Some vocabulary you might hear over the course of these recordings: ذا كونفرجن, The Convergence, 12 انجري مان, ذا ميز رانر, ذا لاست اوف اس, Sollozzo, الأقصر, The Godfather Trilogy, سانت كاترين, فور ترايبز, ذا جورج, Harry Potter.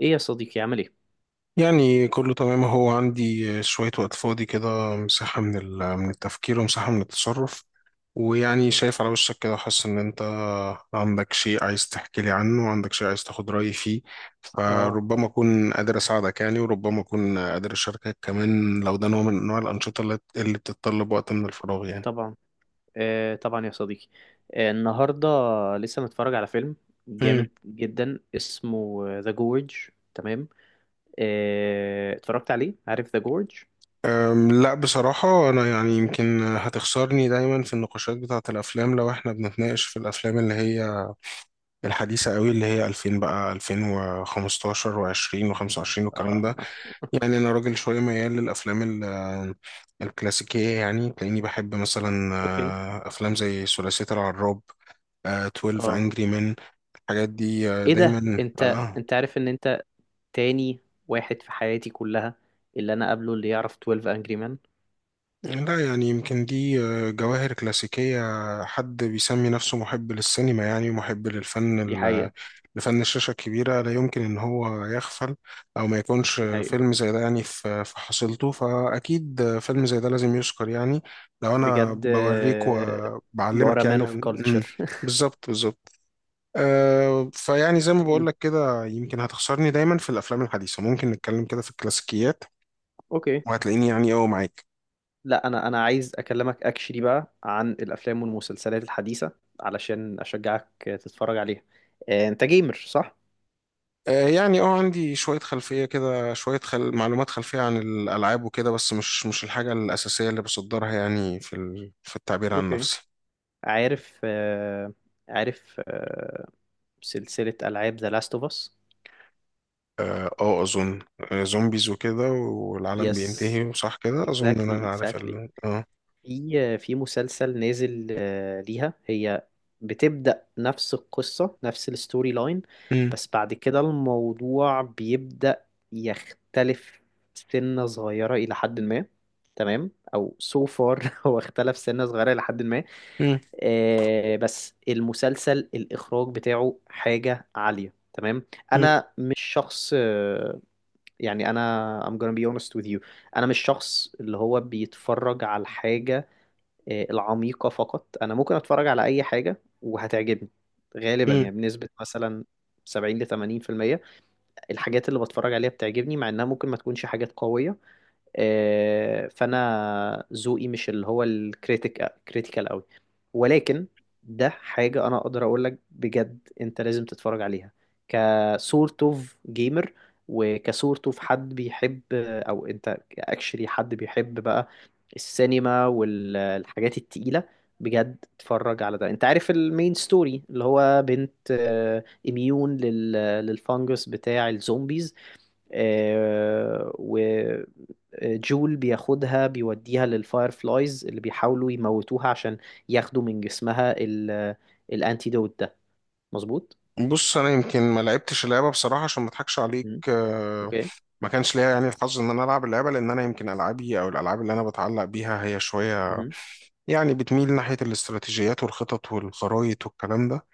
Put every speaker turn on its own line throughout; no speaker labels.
ايه يا صديقي، عامل ايه؟
يعني كله تمام. هو عندي شوية وقت فاضي كده، مساحة من من التفكير، ومساحة من التصرف. ويعني شايف على وشك كده، حاسس إن أنت عندك شيء عايز تحكي لي عنه، وعندك شيء عايز تاخد رأيي فيه،
اه،
فربما أكون قادر أساعدك يعني، وربما أكون قادر أشاركك كمان، لو ده نوع من أنواع الأنشطة اللي بتتطلب وقت من الفراغ يعني.
طبعا. آه، طبعا يا صديقي. النهارده لسه متفرج على فيلم
مم.
جامد جدا اسمه ذا جورج. تمام. اتفرجت عليه، عارف ذا جورج؟
لا، بصراحة أنا يعني يمكن هتخسرني دايما في النقاشات بتاعة الأفلام، لو إحنا بنتناقش في الأفلام اللي هي الحديثة قوي، اللي هي 2000 بقى 2015 و20 و25
اه،
والكلام ده. يعني أنا راجل شوية ميال للأفلام الكلاسيكية، يعني تلاقيني بحب مثلا
اوكي.
أفلام زي ثلاثية العراب،
اه،
12 Angry Men، الحاجات دي
ايه ده؟
دايما
انت انت عارف ان انت تاني واحد في حياتي كلها، اللي انا قابله اللي يعرف 12 انجري مان.
لا، يعني يمكن دي جواهر كلاسيكية. حد بيسمي نفسه محب للسينما، يعني محب
دي
للفن،
حقيقة.
لفن الشاشة الكبيرة، لا يمكن إن هو يغفل أو ما يكونش
دي حقيقة.
فيلم زي ده يعني في حصيلته، فأكيد فيلم زي ده لازم يذكر يعني. لو أنا
بجد،
بوريك
you are
وبعلمك
a
يعني
man of
عن
culture.
بالظبط، بالظبط. أه فيعني زي ما بقول
مم.
لك كده، يمكن هتخسرني دايما في الأفلام الحديثة، ممكن نتكلم كده في الكلاسيكيات
اوكي.
وهتلاقيني يعني أه معاك.
لا، انا عايز اكلمك اكشلي بقى عن الافلام والمسلسلات الحديثه، علشان اشجعك تتفرج عليها. انت جيمر صح؟
يعني اه عندي شوية خلفية كده، شوية معلومات خلفية عن الألعاب وكده، بس مش الحاجة الأساسية اللي بصدرها يعني في في التعبير عن
اوكي.
نفسي.
عارف آه، عارف، سلسله العاب ذا لاست اوف اس.
اه اظن زومبيز وكده، والعالم
يس،
بينتهي وصح كده، اظن ان
اكزاكتلي،
انا عارف
اكزاكتلي.
ال... اه
في مسلسل نازل ليها هي، بتبدأ نفس القصة، نفس الستوري لاين،
مم.
بس بعد كده الموضوع بيبدأ يختلف سنة صغيرة إلى حد ما. تمام، أو so far. هو اختلف سنة صغيرة إلى حد ما.
مم.
بس المسلسل الإخراج بتاعه حاجة عالية، تمام.
مم.
أنا مش شخص يعني، أنا I'm gonna be honest with you. أنا مش شخص اللي هو بيتفرج على حاجة العميقة فقط. أنا ممكن أتفرج على أي حاجة وهتعجبني غالبا،
مم.
يعني بنسبة مثلا 70 ل 80%، الحاجات اللي بتفرج عليها بتعجبني مع إنها ممكن ما تكونش حاجات قوية. فانا ذوقي مش اللي هو كريتيكال قوي. ولكن ده حاجه انا اقدر اقول لك بجد، انت لازم تتفرج عليها. كسورت اوف جيمر، وكسورت اوف حد بيحب، او انت اكشلي حد بيحب بقى السينما والحاجات التقيله. بجد اتفرج على ده. انت عارف المين ستوري، اللي هو بنت اميون للفانجس بتاع الزومبيز. آه، جول بياخدها، بيوديها للفاير فلايز اللي بيحاولوا يموتوها عشان ياخدوا من جسمها الانتيدوت ده. مظبوط.
بص، انا يمكن ما لعبتش اللعبه بصراحه عشان ما اضحكش عليك،
مم. اوكي.
ما كانش ليا يعني الحظ ان انا العب اللعبه، لان انا يمكن العابي او الالعاب اللي انا بتعلق بيها هي شويه
مهم.
يعني بتميل ناحيه الاستراتيجيات والخطط والخرايط والكلام ده.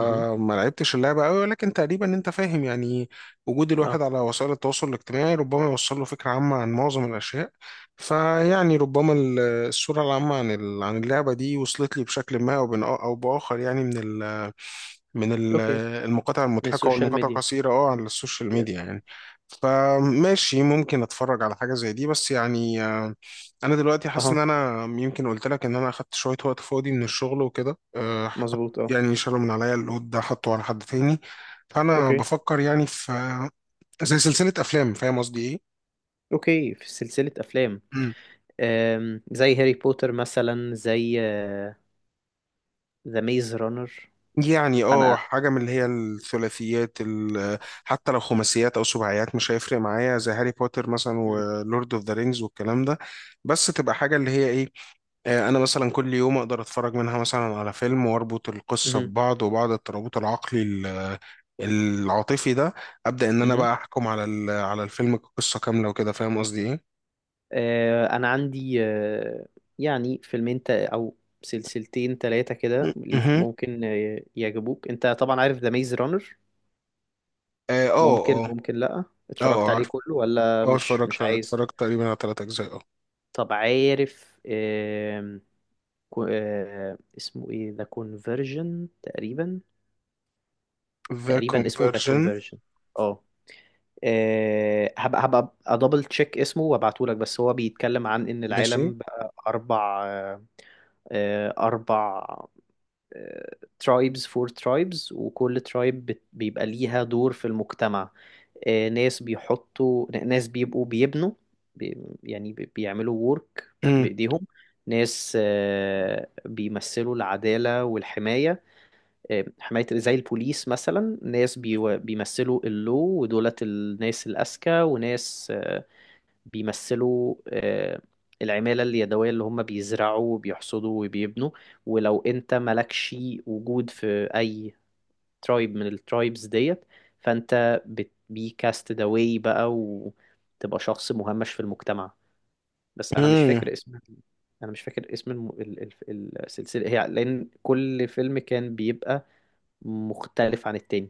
مهم.
لعبتش اللعبة قوي، ولكن تقريبا انت فاهم يعني. وجود
اه.
الواحد على وسائل التواصل الاجتماعي ربما يوصل له فكرة عامة عن معظم الأشياء، فيعني ربما الصورة العامة عن عن اللعبة دي وصلت لي بشكل ما أو بآخر يعني، من من
اوكي.
المقاطع
من
المضحكة
السوشيال
والمقاطع
ميديا،
القصيرة اه على السوشيال
يس.
ميديا يعني. فماشي، ممكن اتفرج على حاجة زي دي، بس يعني انا دلوقتي حاسس ان
اها.
انا يمكن قلت لك ان انا اخدت شوية وقت فاضي من الشغل وكده،
مظبوط، اه.
يعني شالوا من عليا اللود ده، حطه على حد تاني، فانا
اوكي،
بفكر يعني في زي سلسلة افلام، فاهم قصدي
اوكي. في سلسلة افلام.
ايه؟
زي هاري بوتر مثلا، زي ذا ميز رانر.
يعني اه
انا.
حاجة من اللي هي الثلاثيات. حتى لو خماسيات أو سباعيات مش هيفرق معايا، زي هاري بوتر مثلا
مم.
ولورد اوف ذا رينجز والكلام ده. بس تبقى حاجة اللي هي ايه، أنا مثلا كل يوم أقدر أتفرج منها مثلا على فيلم، وأربط القصة
مهم.
ببعض، وبعد الترابط العقلي العاطفي ده أبدأ إن أنا
مهم.
بقى أحكم على على الفيلم كقصة كاملة وكده. فاهم قصدي ايه؟
انا عندي يعني فيلمين او سلسلتين ثلاثه كده ليك،
مهم.
ممكن يعجبوك. انت طبعا عارف ذا ميز رانر.
اه
ممكن
اه اه،
ممكن لا،
اه
اتفرجت عليه
عارف،
كله، ولا
اه
مش
اتفرجت
عايز؟
اتفرجت تقريبا على تلات أجزاء اه.
طب عارف، آم، كو- آه، اسمه ايه؟ ذا كونفرجن تقريبا.
ذا
تقريبا اسمه ذا
كونفرجن،
كونفرجن. اه هبقى ادبل تشيك اسمه وابعتهولك، بس هو بيتكلم عن ان
ماشي.
العالم بقى اربع، أربع ترايبز، فور ترايبز، وكل ترايب بيبقى ليها دور في المجتمع. ناس بيحطوا، ناس بيبقوا بيبنوا، بيعملوا وورك
مم.
بإيديهم. ناس بيمثلوا العدالة والحماية، حماية زي البوليس مثلا. ناس بيمثلوا اللو ودولت، الناس الأذكى. وناس بيمثلوا العمالة اليدوية، اللي هم بيزرعوا وبيحصدوا وبيبنوا. ولو انت مالكش وجود في اي ترايب من الترايبز ديت، فانت بتبي كاستد اواي بقى، وتبقى شخص مهمش في المجتمع. بس انا مش
مم.
فاكر اسم. انا مش فاكر اسم السلسلة هي، لان كل فيلم كان بيبقى مختلف عن التاني.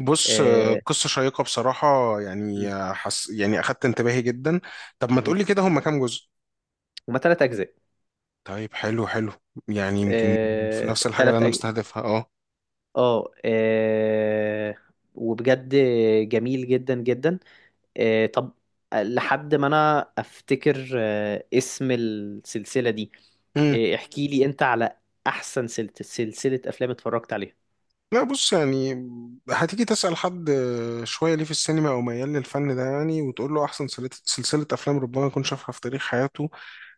بص،
آه،
قصة شيقة بصراحة
م-
يعني، حس يعني أخدت انتباهي جدا. طب ما
م-
تقولي كده، هما كام جزء؟
هما تلات اجزاء.
طيب حلو، حلو يعني يمكن في
آه،
نفس الحاجة اللي
تلات
أنا
أج...
مستهدفها أه.
اه آه، وبجد جميل جدا جدا. طب لحد ما انا افتكر اسم السلسلة دي،
مم.
احكي لي انت على احسن سلسلة افلام اتفرجت عليها.
لا، بص يعني هتيجي تسأل حد شوية ليه في السينما، أو ميال للفن ده يعني، وتقول له أحسن سلسلة سلسلة أفلام ربما يكون شافها في تاريخ حياته،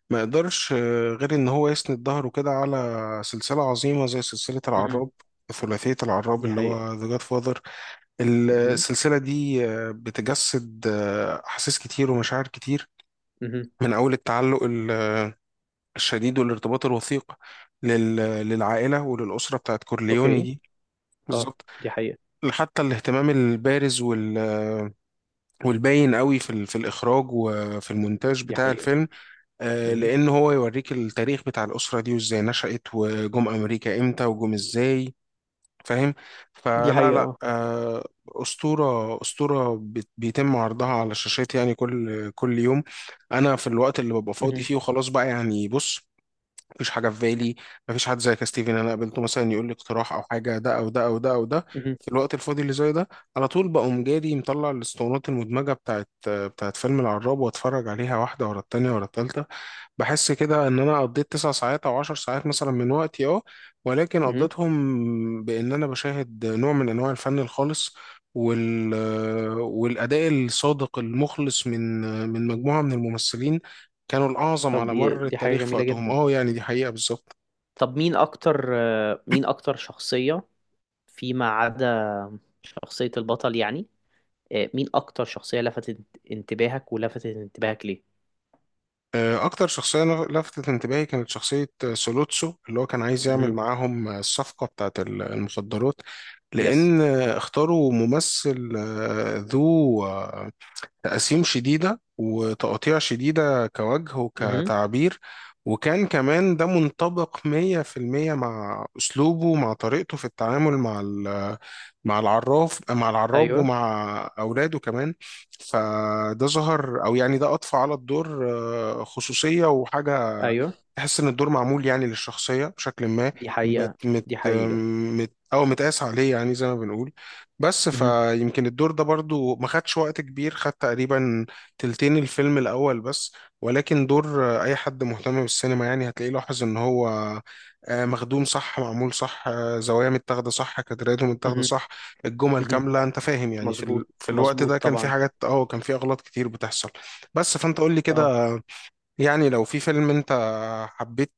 ما يقدرش غير إن هو يسند ظهره كده على سلسلة عظيمة زي سلسلة
مهم.
العراب. ثلاثية العراب
دي
اللي
حقيقة.
هو ذا جاد فاذر،
مهم.
السلسلة دي بتجسد أحاسيس كتير ومشاعر كتير،
مهم.
من أول التعلق الشديد والارتباط الوثيق لل- للعائلة وللأسرة بتاعت كورليوني
اوكي.
دي.
اه.
بالظبط.
دي حقيقة.
حتى الاهتمام البارز والباين قوي في في الإخراج وفي المونتاج
دي
بتاع
حقيقة.
الفيلم،
مهم.
لأن هو يوريك التاريخ بتاع الأسرة دي وإزاي نشأت، وجم أمريكا إمتى، وجم إزاي، فاهم؟
دي
فلا
حقيقة،
لا،
اه.
أسطورة، أسطورة بيتم عرضها على الشاشات يعني كل يوم. أنا في الوقت اللي ببقى فاضي
مهم.
فيه وخلاص بقى يعني، بص، مفيش حاجه في بالي، مفيش حد زي كاستيفن انا قابلته مثلا يقول لي اقتراح او حاجه، ده او ده او ده او ده.
مهم.
في الوقت الفاضي اللي زي ده، على طول بقوم جادي مطلع الاسطوانات المدمجه بتاعت فيلم العراب، واتفرج عليها واحده ورا التانيه ورا التالته. بحس كده ان انا قضيت تسع ساعات او عشر ساعات مثلا من وقتي اه، ولكن
مهم.
قضيتهم بان انا بشاهد نوع من انواع الفن الخالص وال والاداء الصادق المخلص من مجموعه من الممثلين كانوا الأعظم
طب،
على
دي
مر
دي حاجة
التاريخ في
جميلة
وقتهم.
جدا.
اه يعني، دي حقيقة بالظبط.
طب مين اكتر، شخصية، فيما عدا شخصية البطل يعني، مين اكتر شخصية لفتت انتباهك، ولفتت انتباهك ليه؟
أكتر شخصية لفتت انتباهي كانت شخصية سولوتسو، اللي هو كان عايز يعمل
امم.
معاهم الصفقة بتاعت المخدرات.
يس.
لأن اختاروا ممثل ذو تقسيم شديدة وتقطيع شديدة كوجه
امم.
وكتعبير، وكان كمان ده منطبق 100% مع أسلوبه، مع طريقته في التعامل مع مع العراف، مع العراب،
ايوه،
ومع أولاده كمان. فده ظهر، أو يعني ده أضفى على الدور خصوصية وحاجة
ايوه.
تحس إن الدور معمول يعني للشخصية بشكل ما،
دي
مت
حقيقة،
مت
دي حقيقة.
مت أو متقاس عليه يعني، زي ما بنقول. بس
امم.
فيمكن الدور ده برضو ما خدش وقت كبير، خد تقريبا تلتين الفيلم الأول بس. ولكن دور أي حد مهتم بالسينما يعني هتلاقيه لاحظ إن هو مخدوم صح، معمول صح، زوايا متاخدة صح، كادراته متاخدة
امم.
صح، الجمل
امم.
كاملة. أنت فاهم يعني في
مظبوط،
في الوقت ده
مظبوط،
كان في
طبعا.
حاجات اه كان في أغلاط كتير بتحصل. بس فأنت قول لي كده،
اه.
يعني لو في فيلم انت حبيت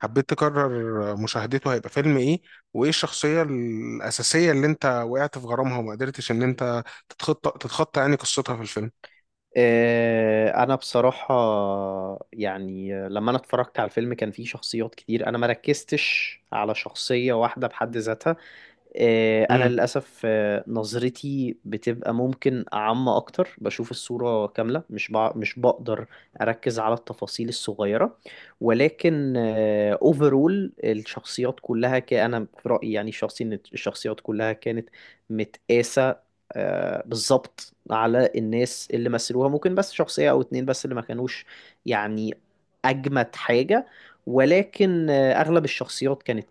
حبيت تكرر مشاهدته هيبقى فيلم ايه، وايه الشخصية الأساسية اللي انت وقعت في غرامها وما قدرتش ان انت تتخطى يعني قصتها في الفيلم.
انا بصراحة، يعني لما انا اتفرجت على الفيلم كان فيه شخصيات كتير، انا ما ركزتش على شخصية واحدة بحد ذاتها. انا للاسف، نظرتي بتبقى ممكن عامة اكتر، بشوف الصورة كاملة، مش بقدر اركز على التفاصيل الصغيرة. ولكن اوفرول الشخصيات كلها، انا في رأيي يعني، الشخصي، ان الشخصيات كلها كانت متقاسة بالظبط على الناس اللي مثلوها. ممكن بس شخصية او اتنين بس اللي ما كانوش يعني اجمد حاجة، ولكن اغلب الشخصيات كانت